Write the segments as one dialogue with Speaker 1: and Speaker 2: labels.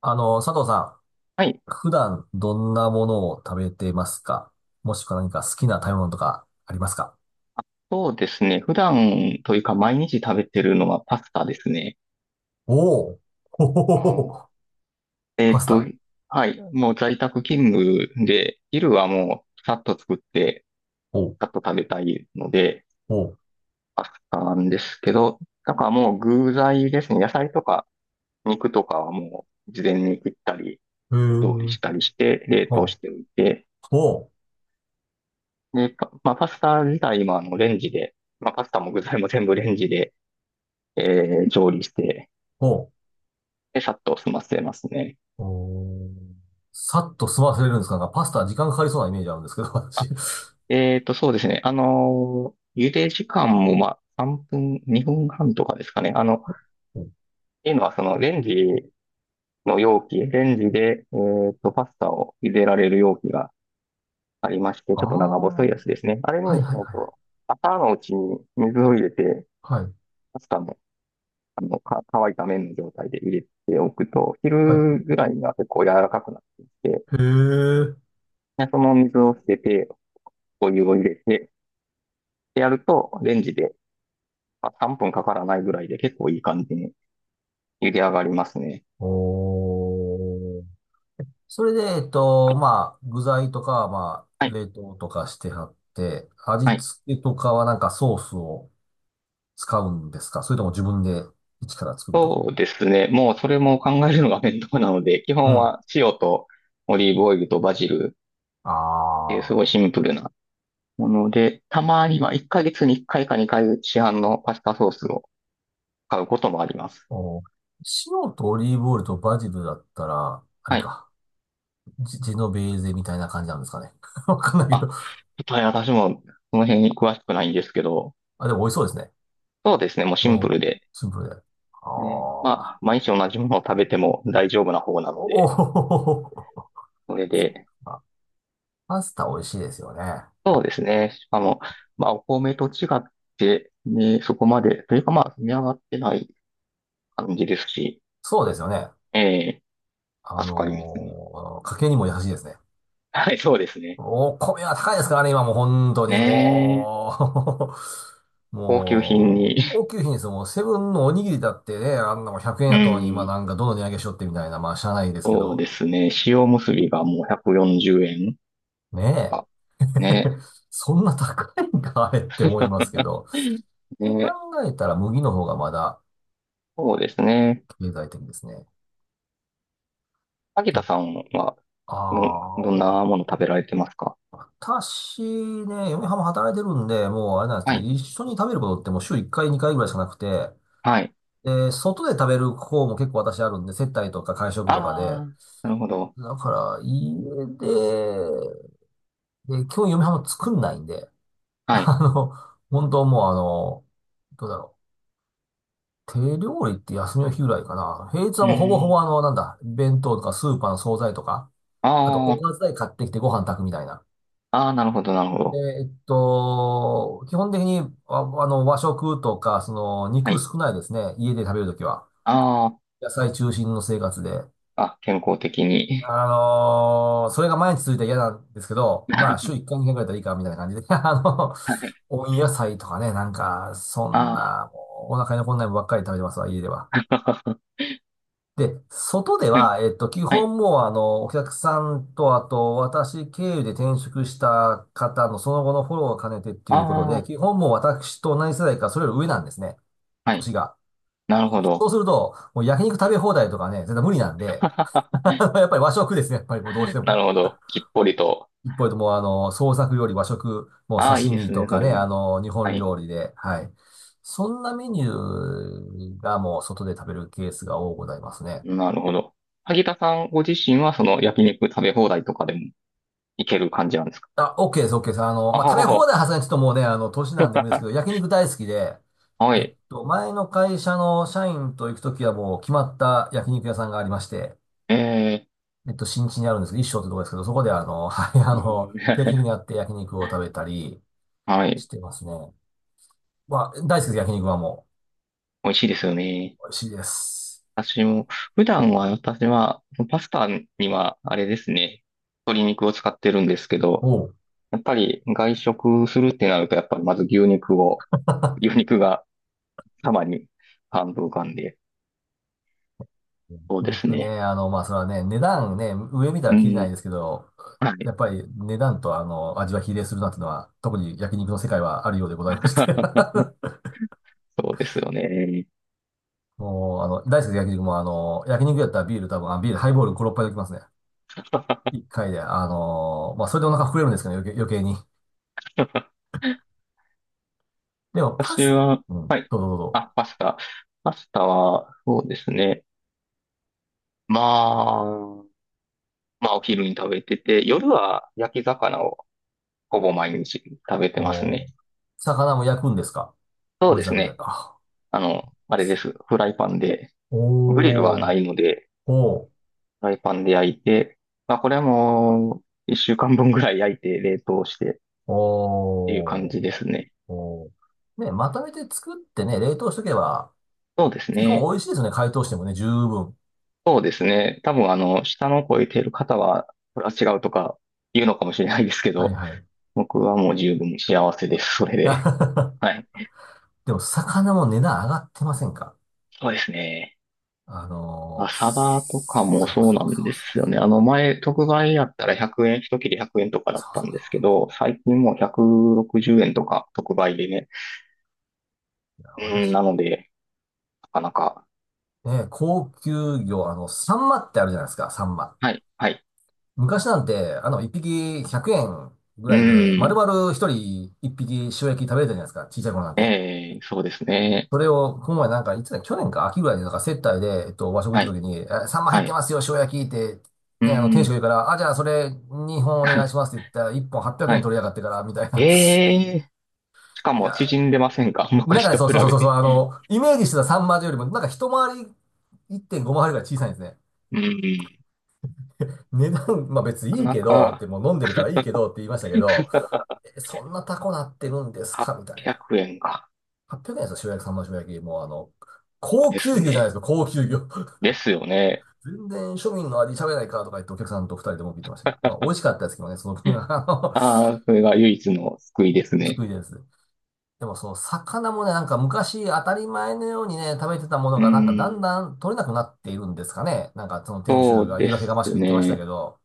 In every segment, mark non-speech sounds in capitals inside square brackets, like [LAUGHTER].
Speaker 1: 佐藤さ
Speaker 2: はい。
Speaker 1: ん、普段どんなものを食べてますか？もしくは何か好きな食べ物とかありますか？
Speaker 2: そうですね。普段というか毎日食べてるのはパスタですね。
Speaker 1: おお。ほほ
Speaker 2: あ
Speaker 1: ほ
Speaker 2: の
Speaker 1: ほ [LAUGHS]
Speaker 2: え
Speaker 1: パ
Speaker 2: っ
Speaker 1: ス
Speaker 2: と、
Speaker 1: タ。
Speaker 2: はい。もう在宅勤務で、昼はもうさっと作って、
Speaker 1: おう。
Speaker 2: さっと食べたいので、
Speaker 1: おう。
Speaker 2: パスタなんですけど、だからもう具材ですね。野菜とか肉とかはもう事前に切ったり、
Speaker 1: へ
Speaker 2: 調理
Speaker 1: ー。
Speaker 2: したりして、冷凍し
Speaker 1: ほう。
Speaker 2: ておいて、
Speaker 1: ほう。
Speaker 2: で、パまあ、パスタ自体もレンジで、まあ、パスタも具材も全部レンジで、調理して、
Speaker 1: ほ
Speaker 2: で、さっと済ませますね。
Speaker 1: う。おー。さっと済ませれるんですか？なんかパスタ時間かかりそうなイメージあるんですけど、[LAUGHS] 私。
Speaker 2: そうですね。茹で時間も、まあ、3分、2分半とかですかね。っていうのは、レンジの容器、レンジで、パスタを茹でられる容器がありまして、
Speaker 1: あ
Speaker 2: ちょっと長細い
Speaker 1: あー、
Speaker 2: やつですね。あれに、
Speaker 1: はいはい
Speaker 2: っ
Speaker 1: はい
Speaker 2: と、朝のうちに水を入れて、
Speaker 1: はい。は
Speaker 2: パスタも、乾いた麺の状態で入れておくと、
Speaker 1: い、は
Speaker 2: 昼
Speaker 1: い。
Speaker 2: ぐらいには結構柔らかくなってきて、
Speaker 1: へえ。
Speaker 2: でその水を捨てて、お湯を入れて、でやると、レンジで、まあ、3分かからないぐらいで結構いい感じに茹で上がりますね。
Speaker 1: おー。それで、まあ、具材とかは、ま
Speaker 2: は
Speaker 1: あ、
Speaker 2: い。
Speaker 1: 冷凍とかしてはって、味
Speaker 2: はい。
Speaker 1: 付けとかはなんかソースを使うんですか？それとも自分で一から作るとか。
Speaker 2: そうですね。もうそれも考えるのが面倒なので、基
Speaker 1: う
Speaker 2: 本
Speaker 1: ん。
Speaker 2: は塩とオリーブオイルとバジルっていうすごい
Speaker 1: ああ、
Speaker 2: シンプルなもので、たまには1ヶ月に1回か2回市販のパスタソースを買うこともあります。
Speaker 1: お、塩とオリーブオイルとバジルだったら、あれ
Speaker 2: はい。
Speaker 1: か、ジェノベーゼみたいな感じなんですかね。[LAUGHS] わかんないけど。
Speaker 2: あ、ちょっとね、私もその辺に詳しくないんですけど、
Speaker 1: あ、でも美味しそうですね。
Speaker 2: そうですね。もう
Speaker 1: う
Speaker 2: シンプ
Speaker 1: ん。
Speaker 2: ルで、
Speaker 1: シンプルで。ああ、
Speaker 2: ね、
Speaker 1: お
Speaker 2: まあ、毎日同じものを食べても大丈夫な方なので、
Speaker 1: お、
Speaker 2: それで
Speaker 1: [LAUGHS] あ、パスタ美味しいですよね。
Speaker 2: そうですね。しかも、まあ、お米と違って、ね、そこまで、というかまあ、積み上がってない感じですし、
Speaker 1: そうですよね。
Speaker 2: ええ、助かりますね。
Speaker 1: 家計にも優しいですね。
Speaker 2: はい、そうですね。
Speaker 1: お米は高いですからね、今もう本当
Speaker 2: ね
Speaker 1: に
Speaker 2: え、
Speaker 1: もう [LAUGHS]
Speaker 2: 高級品
Speaker 1: も
Speaker 2: に、
Speaker 1: う、高級品ですよ。もうセブンのおにぎりだってね、あんなもん100
Speaker 2: [LAUGHS]
Speaker 1: 円
Speaker 2: う
Speaker 1: やとに今
Speaker 2: ん、
Speaker 1: なんかどの値上げしよってみたいな、まあ、しゃあないですけ
Speaker 2: そう
Speaker 1: ど、
Speaker 2: ですね。塩むすびがもう140円
Speaker 1: ね
Speaker 2: か。
Speaker 1: え。[LAUGHS]
Speaker 2: ね。
Speaker 1: そんな高いんか、あれって思いますけ
Speaker 2: [LAUGHS]
Speaker 1: ど。って考
Speaker 2: ね、
Speaker 1: えたら麦の方がまだ
Speaker 2: そうですね。
Speaker 1: 経済的ですね。
Speaker 2: 萩
Speaker 1: じ
Speaker 2: 田
Speaker 1: ゃ
Speaker 2: さんは、
Speaker 1: あ、あ
Speaker 2: どんな
Speaker 1: ー
Speaker 2: もの食べられてますか？
Speaker 1: 私ね、嫁はんも働いてるんで、もうあれなんです
Speaker 2: は
Speaker 1: ね、
Speaker 2: い、
Speaker 1: 一緒に食べることってもう週1回、2回ぐらいしかなくて、
Speaker 2: はい。
Speaker 1: で、外で食べる方も結構私あるんで、接待とか会食
Speaker 2: あ
Speaker 1: とかで、
Speaker 2: あ、なるほど。
Speaker 1: だから家で、で、基本嫁はんも作んないんで、[LAUGHS]
Speaker 2: はい。
Speaker 1: あの、本当もうどうだろう。手料理って休みの日ぐらいかな。平日は
Speaker 2: う
Speaker 1: もうほぼほ
Speaker 2: ん。
Speaker 1: ぼあの、なんだ、弁当とかスーパーの惣菜とか、あと
Speaker 2: あ
Speaker 1: おか
Speaker 2: あ、
Speaker 1: ず代買ってきてご飯炊くみたいな。
Speaker 2: ああ、なるほど、なるほ
Speaker 1: で、
Speaker 2: ど。
Speaker 1: 基本的に、和食とか、
Speaker 2: は
Speaker 1: 肉
Speaker 2: い。
Speaker 1: 少ないですね。家で食べるときは。
Speaker 2: あ
Speaker 1: 野菜中心の生活で。
Speaker 2: あ、あ、健康的に。
Speaker 1: それが毎日続いたら嫌なんですけど、まあ、週
Speaker 2: [LAUGHS]
Speaker 1: 1回、2回ぐらいだったらいいか、みたいな感じで。[LAUGHS]
Speaker 2: はい。
Speaker 1: 温野菜とかね、なんか、そん
Speaker 2: あ
Speaker 1: な、もうお腹に残んないもんばっかり食べてますわ、家では。
Speaker 2: あ、[LAUGHS]
Speaker 1: で、外で
Speaker 2: はい、
Speaker 1: は、基
Speaker 2: はい。
Speaker 1: 本もう、お客さんと、あと、私経由で転職した方のその後のフォローを兼ねてっていうこと
Speaker 2: あ
Speaker 1: で、
Speaker 2: あ、
Speaker 1: 基本もう私と同じ世代か、それより上なんですね。
Speaker 2: はい。
Speaker 1: 年が。
Speaker 2: なるほ
Speaker 1: そ
Speaker 2: ど。
Speaker 1: うすると、もう焼肉食べ放題とかね、絶対無理なんで、[LAUGHS] や
Speaker 2: [LAUGHS]
Speaker 1: っぱり和食ですね、やっぱりもうどうして
Speaker 2: な
Speaker 1: も。
Speaker 2: るほど。きっぽりと。
Speaker 1: 一方でもう、創作料理、和食、もう
Speaker 2: ああ、いい
Speaker 1: 刺
Speaker 2: で
Speaker 1: 身
Speaker 2: す
Speaker 1: と
Speaker 2: ね、そ
Speaker 1: か
Speaker 2: れ
Speaker 1: ね、
Speaker 2: も。
Speaker 1: 日
Speaker 2: は
Speaker 1: 本
Speaker 2: い。
Speaker 1: 料理で、はい。そんなメニューがもう外で食べるケースが多くございますね。
Speaker 2: なるほど。萩田さんご自身は、その焼肉食べ放題とかでもいける感じなんですか？
Speaker 1: あ、OK です、OK です。
Speaker 2: あ
Speaker 1: まあ、
Speaker 2: は
Speaker 1: 食べ
Speaker 2: は
Speaker 1: 放
Speaker 2: は。
Speaker 1: 題はずにちょっともうね、年なんでもいいですけど、
Speaker 2: [LAUGHS]
Speaker 1: 焼肉大好きで、
Speaker 2: はい。
Speaker 1: 前の会社の社員と行くときはもう決まった焼肉屋さんがありまして、
Speaker 2: え
Speaker 1: 新地にあるんですけど、一生ってとこですけど、そこで[LAUGHS] はい、
Speaker 2: ー、え
Speaker 1: 定期的に
Speaker 2: ー
Speaker 1: やって焼肉を食べたり
Speaker 2: [LAUGHS] は
Speaker 1: し
Speaker 2: い。
Speaker 1: てますね。まあ、大好きです、焼肉はも
Speaker 2: 美味しいですよね。
Speaker 1: う。美味しいです。
Speaker 2: 私も、普段は私は、パスタにはあれですね、鶏肉を使ってるんですけど、
Speaker 1: お
Speaker 2: やっぱり外食するってなると、やっぱりまず牛肉が様に半分浮かんで、そうです
Speaker 1: 僕
Speaker 2: ね。
Speaker 1: ね、まあ、それはね、値段ね、上見た
Speaker 2: う
Speaker 1: ら切れない
Speaker 2: ん。
Speaker 1: ですけど、
Speaker 2: はい。
Speaker 1: やっぱり値段と味は比例するなっていうのは、特に焼肉の世界はあるようでございまして。
Speaker 2: [LAUGHS] そうですよね。
Speaker 1: [LAUGHS] もう、大好きな焼肉も、焼肉やったらビール多分、あ、ビール、ハイボール5、6杯できますね。1
Speaker 2: [LAUGHS]
Speaker 1: 回で、まあ、それでお腹膨れるんですけど、余計、余計に。でも、パ
Speaker 2: 私
Speaker 1: ス、
Speaker 2: は、
Speaker 1: うん、どうぞどうぞ。
Speaker 2: あ、パスタ。パスタは、そうですね。まあ、まあお昼に食べてて、夜は焼き魚をほぼ毎日食べてますね。
Speaker 1: お、魚も焼くんですか？
Speaker 2: そう
Speaker 1: ご
Speaker 2: で
Speaker 1: 自
Speaker 2: す
Speaker 1: 宅で。
Speaker 2: ね。
Speaker 1: あ、
Speaker 2: あれです。フライパンで。グリルは
Speaker 1: お
Speaker 2: な
Speaker 1: ー、
Speaker 2: いので、
Speaker 1: おー、
Speaker 2: フライパンで焼いて、まあこれはもう、一週間分ぐらい焼いて冷凍してっていう感
Speaker 1: おー。
Speaker 2: じですね。
Speaker 1: おー。ね、まとめて作ってね、冷凍しとけば、
Speaker 2: そうです
Speaker 1: 基本
Speaker 2: ね。
Speaker 1: 美味しいですね。解凍してもね、十分。
Speaker 2: そうですね。多分下の子をいている方は、これは違うとか言うのかもしれないですけ
Speaker 1: はい
Speaker 2: ど、
Speaker 1: はい。
Speaker 2: 僕はもう十分幸せです。それで。は
Speaker 1: [LAUGHS]
Speaker 2: い。
Speaker 1: でも、魚も値段上がってませんか？
Speaker 2: そうですね。朝バとかも
Speaker 1: そう
Speaker 2: そうな
Speaker 1: そう
Speaker 2: ん
Speaker 1: そ
Speaker 2: で
Speaker 1: う
Speaker 2: すよ
Speaker 1: そ
Speaker 2: ね。あの前、特売やったら100円、一切れ100円とか
Speaker 1: う。
Speaker 2: だ
Speaker 1: そ
Speaker 2: っ
Speaker 1: うそう
Speaker 2: たんですけ
Speaker 1: そ
Speaker 2: ど、最近もう160円とか特売でね。
Speaker 1: う。いや、
Speaker 2: うん、
Speaker 1: 私、
Speaker 2: なので、なかなか。
Speaker 1: ね、高級魚、サンマってあるじゃないですか、サンマ。
Speaker 2: はい、はい。
Speaker 1: 昔なんて、一匹100円ぐ
Speaker 2: う
Speaker 1: らいで、丸
Speaker 2: ん、
Speaker 1: 々一人一匹塩焼き食べれたじゃないですか、小さい頃なんて。
Speaker 2: ええそうですね。
Speaker 1: それを、この前なんか、いつだ、去年か秋ぐらいになんか接待で、和食行っ
Speaker 2: は
Speaker 1: た
Speaker 2: い、
Speaker 1: 時に、サンマ入
Speaker 2: は
Speaker 1: って
Speaker 2: い。
Speaker 1: ますよ、塩焼きって、
Speaker 2: う
Speaker 1: ね、店主が
Speaker 2: ん、
Speaker 1: 言うから、あ、じゃあそれ2本お願いしま
Speaker 2: [LAUGHS]
Speaker 1: すって言ったら、1本800
Speaker 2: は
Speaker 1: 円
Speaker 2: い。
Speaker 1: 取りやがってから、みたい
Speaker 2: え
Speaker 1: な。
Speaker 2: えしか
Speaker 1: [LAUGHS] い
Speaker 2: も
Speaker 1: や、
Speaker 2: 縮んでませんか？ [LAUGHS]
Speaker 1: なん
Speaker 2: 昔
Speaker 1: かね、
Speaker 2: と
Speaker 1: そう
Speaker 2: 比
Speaker 1: そうそう
Speaker 2: べ
Speaker 1: そうそう、
Speaker 2: て。
Speaker 1: イメージしてたサンマよりも、なんか一回り、1.5回りぐらい小さいんですね。
Speaker 2: うん、
Speaker 1: 値段、まあ別にいい
Speaker 2: な
Speaker 1: けど、って
Speaker 2: か
Speaker 1: もう飲んでるからいいけどって言いましたけ
Speaker 2: な
Speaker 1: ど、
Speaker 2: か
Speaker 1: そんなタコなってるんですかみたいな。
Speaker 2: 800 [LAUGHS] 円か。
Speaker 1: 800円ですよ、塩焼き、サンマの塩焼き。もう高
Speaker 2: で
Speaker 1: 級
Speaker 2: す
Speaker 1: 魚じゃないで
Speaker 2: ね。
Speaker 1: すか、高級魚。
Speaker 2: ですよね。
Speaker 1: 全然庶民の味喋れないからとか言ってお客さんと二人でも言ってましたけど、まあ美味しかったですけどね、その分が、[LAUGHS]
Speaker 2: ああ、それが唯一の救いですね。
Speaker 1: 救いです。でもその魚もね、なんか昔当たり前のようにね、食べてたもの
Speaker 2: う
Speaker 1: がなんかだん
Speaker 2: ーん、
Speaker 1: だん取れなくなっているんですかね。なんかその店
Speaker 2: そ
Speaker 1: 主
Speaker 2: う
Speaker 1: が言
Speaker 2: で
Speaker 1: い訳が
Speaker 2: す
Speaker 1: ましく言ってましたけ
Speaker 2: ね。
Speaker 1: ど、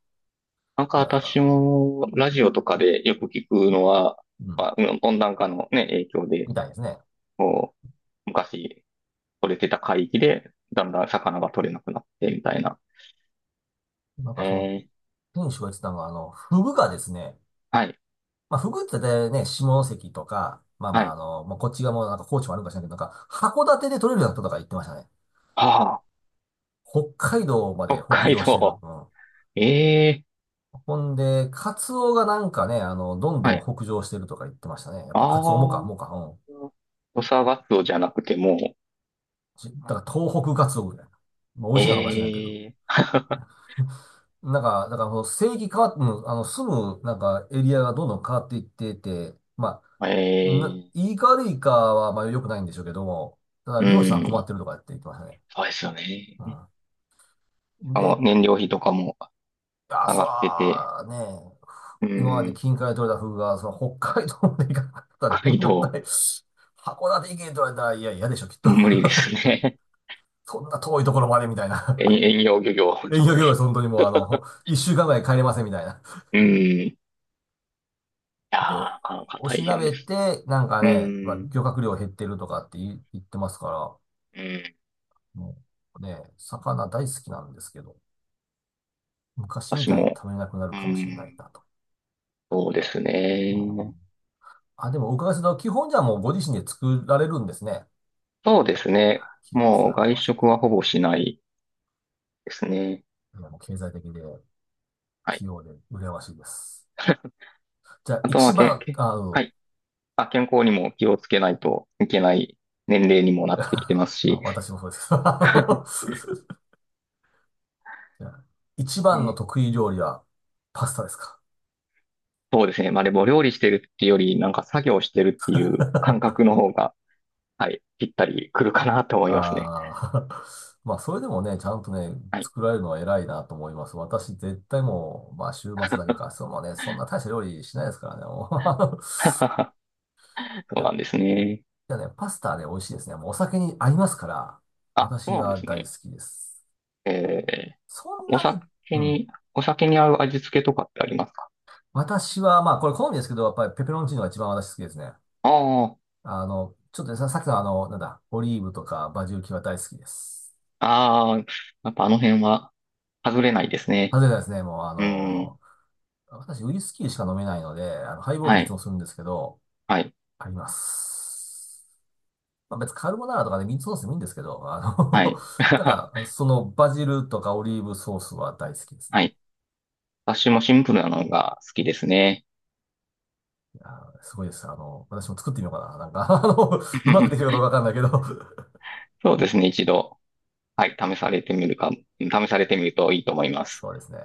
Speaker 2: なんか
Speaker 1: いや
Speaker 2: 私
Speaker 1: ー、
Speaker 2: もラジオとかでよく聞くのは、
Speaker 1: うん、
Speaker 2: まあ、うん温暖化のね、影響で、
Speaker 1: みたいですね。
Speaker 2: こう、昔取れてた海域で、だんだん魚が取れなくなってみたいな。
Speaker 1: なん
Speaker 2: え
Speaker 1: かその
Speaker 2: ー、
Speaker 1: 店主が言ってたのが、フグがですね、
Speaker 2: はい、
Speaker 1: まあフグって大体ね、下関とか、まあま
Speaker 2: は
Speaker 1: あ
Speaker 2: い。
Speaker 1: まあ、こっちがもうなんか高知もあるかかしれないけど、なんか函館で取れるようなこととか言ってましたね。
Speaker 2: あ
Speaker 1: 北海道ま
Speaker 2: あ、
Speaker 1: で
Speaker 2: 北
Speaker 1: 北
Speaker 2: 海
Speaker 1: 上してる。
Speaker 2: 道。
Speaker 1: うん。
Speaker 2: ええー
Speaker 1: ほんで、カツオがなんかね、どん
Speaker 2: は
Speaker 1: どん
Speaker 2: い。
Speaker 1: 北上してるとか言ってましたね。やっ
Speaker 2: あ
Speaker 1: ぱカツオもか、
Speaker 2: あ、
Speaker 1: うん。
Speaker 2: 土佐ガツオじゃなくても、
Speaker 1: だから東北カツオぐらいな。まあ、美味しいかどうか知らんけど。
Speaker 2: ええー
Speaker 1: なんか、だからこの正規変わっ、うん、住む、なんか、エリアがどんどん変わっていってて、ま
Speaker 2: [LAUGHS]
Speaker 1: あ、
Speaker 2: ええー
Speaker 1: いいか悪いかは、まあ、良くないんでしょうけども、ただ、
Speaker 2: う
Speaker 1: 漁師さん困っ
Speaker 2: ん、
Speaker 1: てるとかって言ってましたね。
Speaker 2: そうですよね。
Speaker 1: うん。で、
Speaker 2: 燃料費とかも
Speaker 1: あ、
Speaker 2: 上
Speaker 1: そ
Speaker 2: がってて、
Speaker 1: ら、ね、
Speaker 2: う
Speaker 1: 今まで
Speaker 2: ん、
Speaker 1: 近海で取れたフグが、その北海道まで行かなか
Speaker 2: 北
Speaker 1: った
Speaker 2: 海
Speaker 1: 燃料
Speaker 2: 道、
Speaker 1: 代、函館行けと言われたら、いや、嫌でしょ、きっと。
Speaker 2: 無理ですね。
Speaker 1: [LAUGHS] そんな遠いところまでみたい
Speaker 2: [LAUGHS] 遠
Speaker 1: な。[LAUGHS]
Speaker 2: 遠洋漁業。
Speaker 1: 連休業務、本当にもう一週間ぐらい帰れませんみたいな。
Speaker 2: うん、いやー、
Speaker 1: で、
Speaker 2: なかなか
Speaker 1: おし
Speaker 2: 大
Speaker 1: な
Speaker 2: 変で
Speaker 1: べ
Speaker 2: す。
Speaker 1: て、なんか
Speaker 2: う
Speaker 1: ね、まあ、
Speaker 2: ん、
Speaker 1: 漁獲量減ってるとかって言ってますから、
Speaker 2: うん、
Speaker 1: もうね、魚大好きなんですけど、昔み
Speaker 2: 私
Speaker 1: たいに
Speaker 2: も、
Speaker 1: 食べれなくなる
Speaker 2: う
Speaker 1: かもしれない
Speaker 2: ん、
Speaker 1: なと。
Speaker 2: そうです
Speaker 1: う
Speaker 2: ね。
Speaker 1: ん。あ、でもお伺いすると、基本じゃあもうご自身で作られるんですね。
Speaker 2: そうですね。
Speaker 1: 器用です
Speaker 2: もう
Speaker 1: な、羨
Speaker 2: 外
Speaker 1: まし
Speaker 2: 食
Speaker 1: い。
Speaker 2: はほぼしないですね。
Speaker 1: いやもう経済的で。
Speaker 2: はい。
Speaker 1: 器用で羨ましいです。
Speaker 2: [LAUGHS]
Speaker 1: じゃあ、
Speaker 2: あと
Speaker 1: 一
Speaker 2: はけ、
Speaker 1: 番、
Speaker 2: け、
Speaker 1: あ、う
Speaker 2: は
Speaker 1: ん。
Speaker 2: い。あ、健康にも気をつけないといけない年齢にもなってきてます
Speaker 1: [LAUGHS] まあ、
Speaker 2: し。
Speaker 1: 私もそうですけど。
Speaker 2: [LAUGHS]
Speaker 1: [LAUGHS] じゃあ一番の
Speaker 2: ね
Speaker 1: 得意料理はパスタですか？
Speaker 2: そうですね。まあでも料理してるっていうより、なんか作業してるっていう感覚の方が、はい、ぴったりくるかなと
Speaker 1: [LAUGHS]
Speaker 2: 思いますね。
Speaker 1: ああ、[LAUGHS] まあ、それでもね、ちゃんとね、
Speaker 2: はい。
Speaker 1: 作られるのは偉いなと思います。私、絶対もう、まあ、週末だけか、そうもね、そんな大した料理しないですからね。もう [LAUGHS]
Speaker 2: [LAUGHS]
Speaker 1: い
Speaker 2: そう
Speaker 1: や、
Speaker 2: なんですね。
Speaker 1: いやね、パスタね、美味しいですね。もうお酒に合いますから、
Speaker 2: あ、そ
Speaker 1: 私
Speaker 2: うなんで
Speaker 1: は
Speaker 2: す
Speaker 1: 大好
Speaker 2: ね。
Speaker 1: きです。
Speaker 2: え
Speaker 1: そ
Speaker 2: ー、
Speaker 1: ん
Speaker 2: お
Speaker 1: なに、
Speaker 2: 酒
Speaker 1: うん。
Speaker 2: に、お酒に合う味付けとかってありますか？
Speaker 1: 私は、まあ、これ好みですけど、やっぱりペペロンチーノが一番私好きですね。
Speaker 2: あ
Speaker 1: ちょっとねさ、さっきのなんだ、オリーブとかバジル系は大好きです。
Speaker 2: あ、ああ、やっぱあの辺は外れないですね。
Speaker 1: 外れなですね、もう
Speaker 2: うん。
Speaker 1: 私ウイスキーしか飲めないので、ハイボール
Speaker 2: は
Speaker 1: にいつ
Speaker 2: い、
Speaker 1: もするんですけど、
Speaker 2: はい、
Speaker 1: あります。まあ、別にカルボナーラとかね、ミートソースでもいいんですけど、
Speaker 2: はい。
Speaker 1: [LAUGHS] なんか、
Speaker 2: [LAUGHS]
Speaker 1: そのバジルとかオリーブソースは大好きですね。
Speaker 2: はい。私もシンプルなのが好きですね。
Speaker 1: いやーすごいです。私も作ってみようかな。なんか、うまくできるか
Speaker 2: [LAUGHS]
Speaker 1: どうかわかんないけど [LAUGHS]
Speaker 2: そうですね、一度。はい、試されてみるといいと思います。
Speaker 1: そうですね。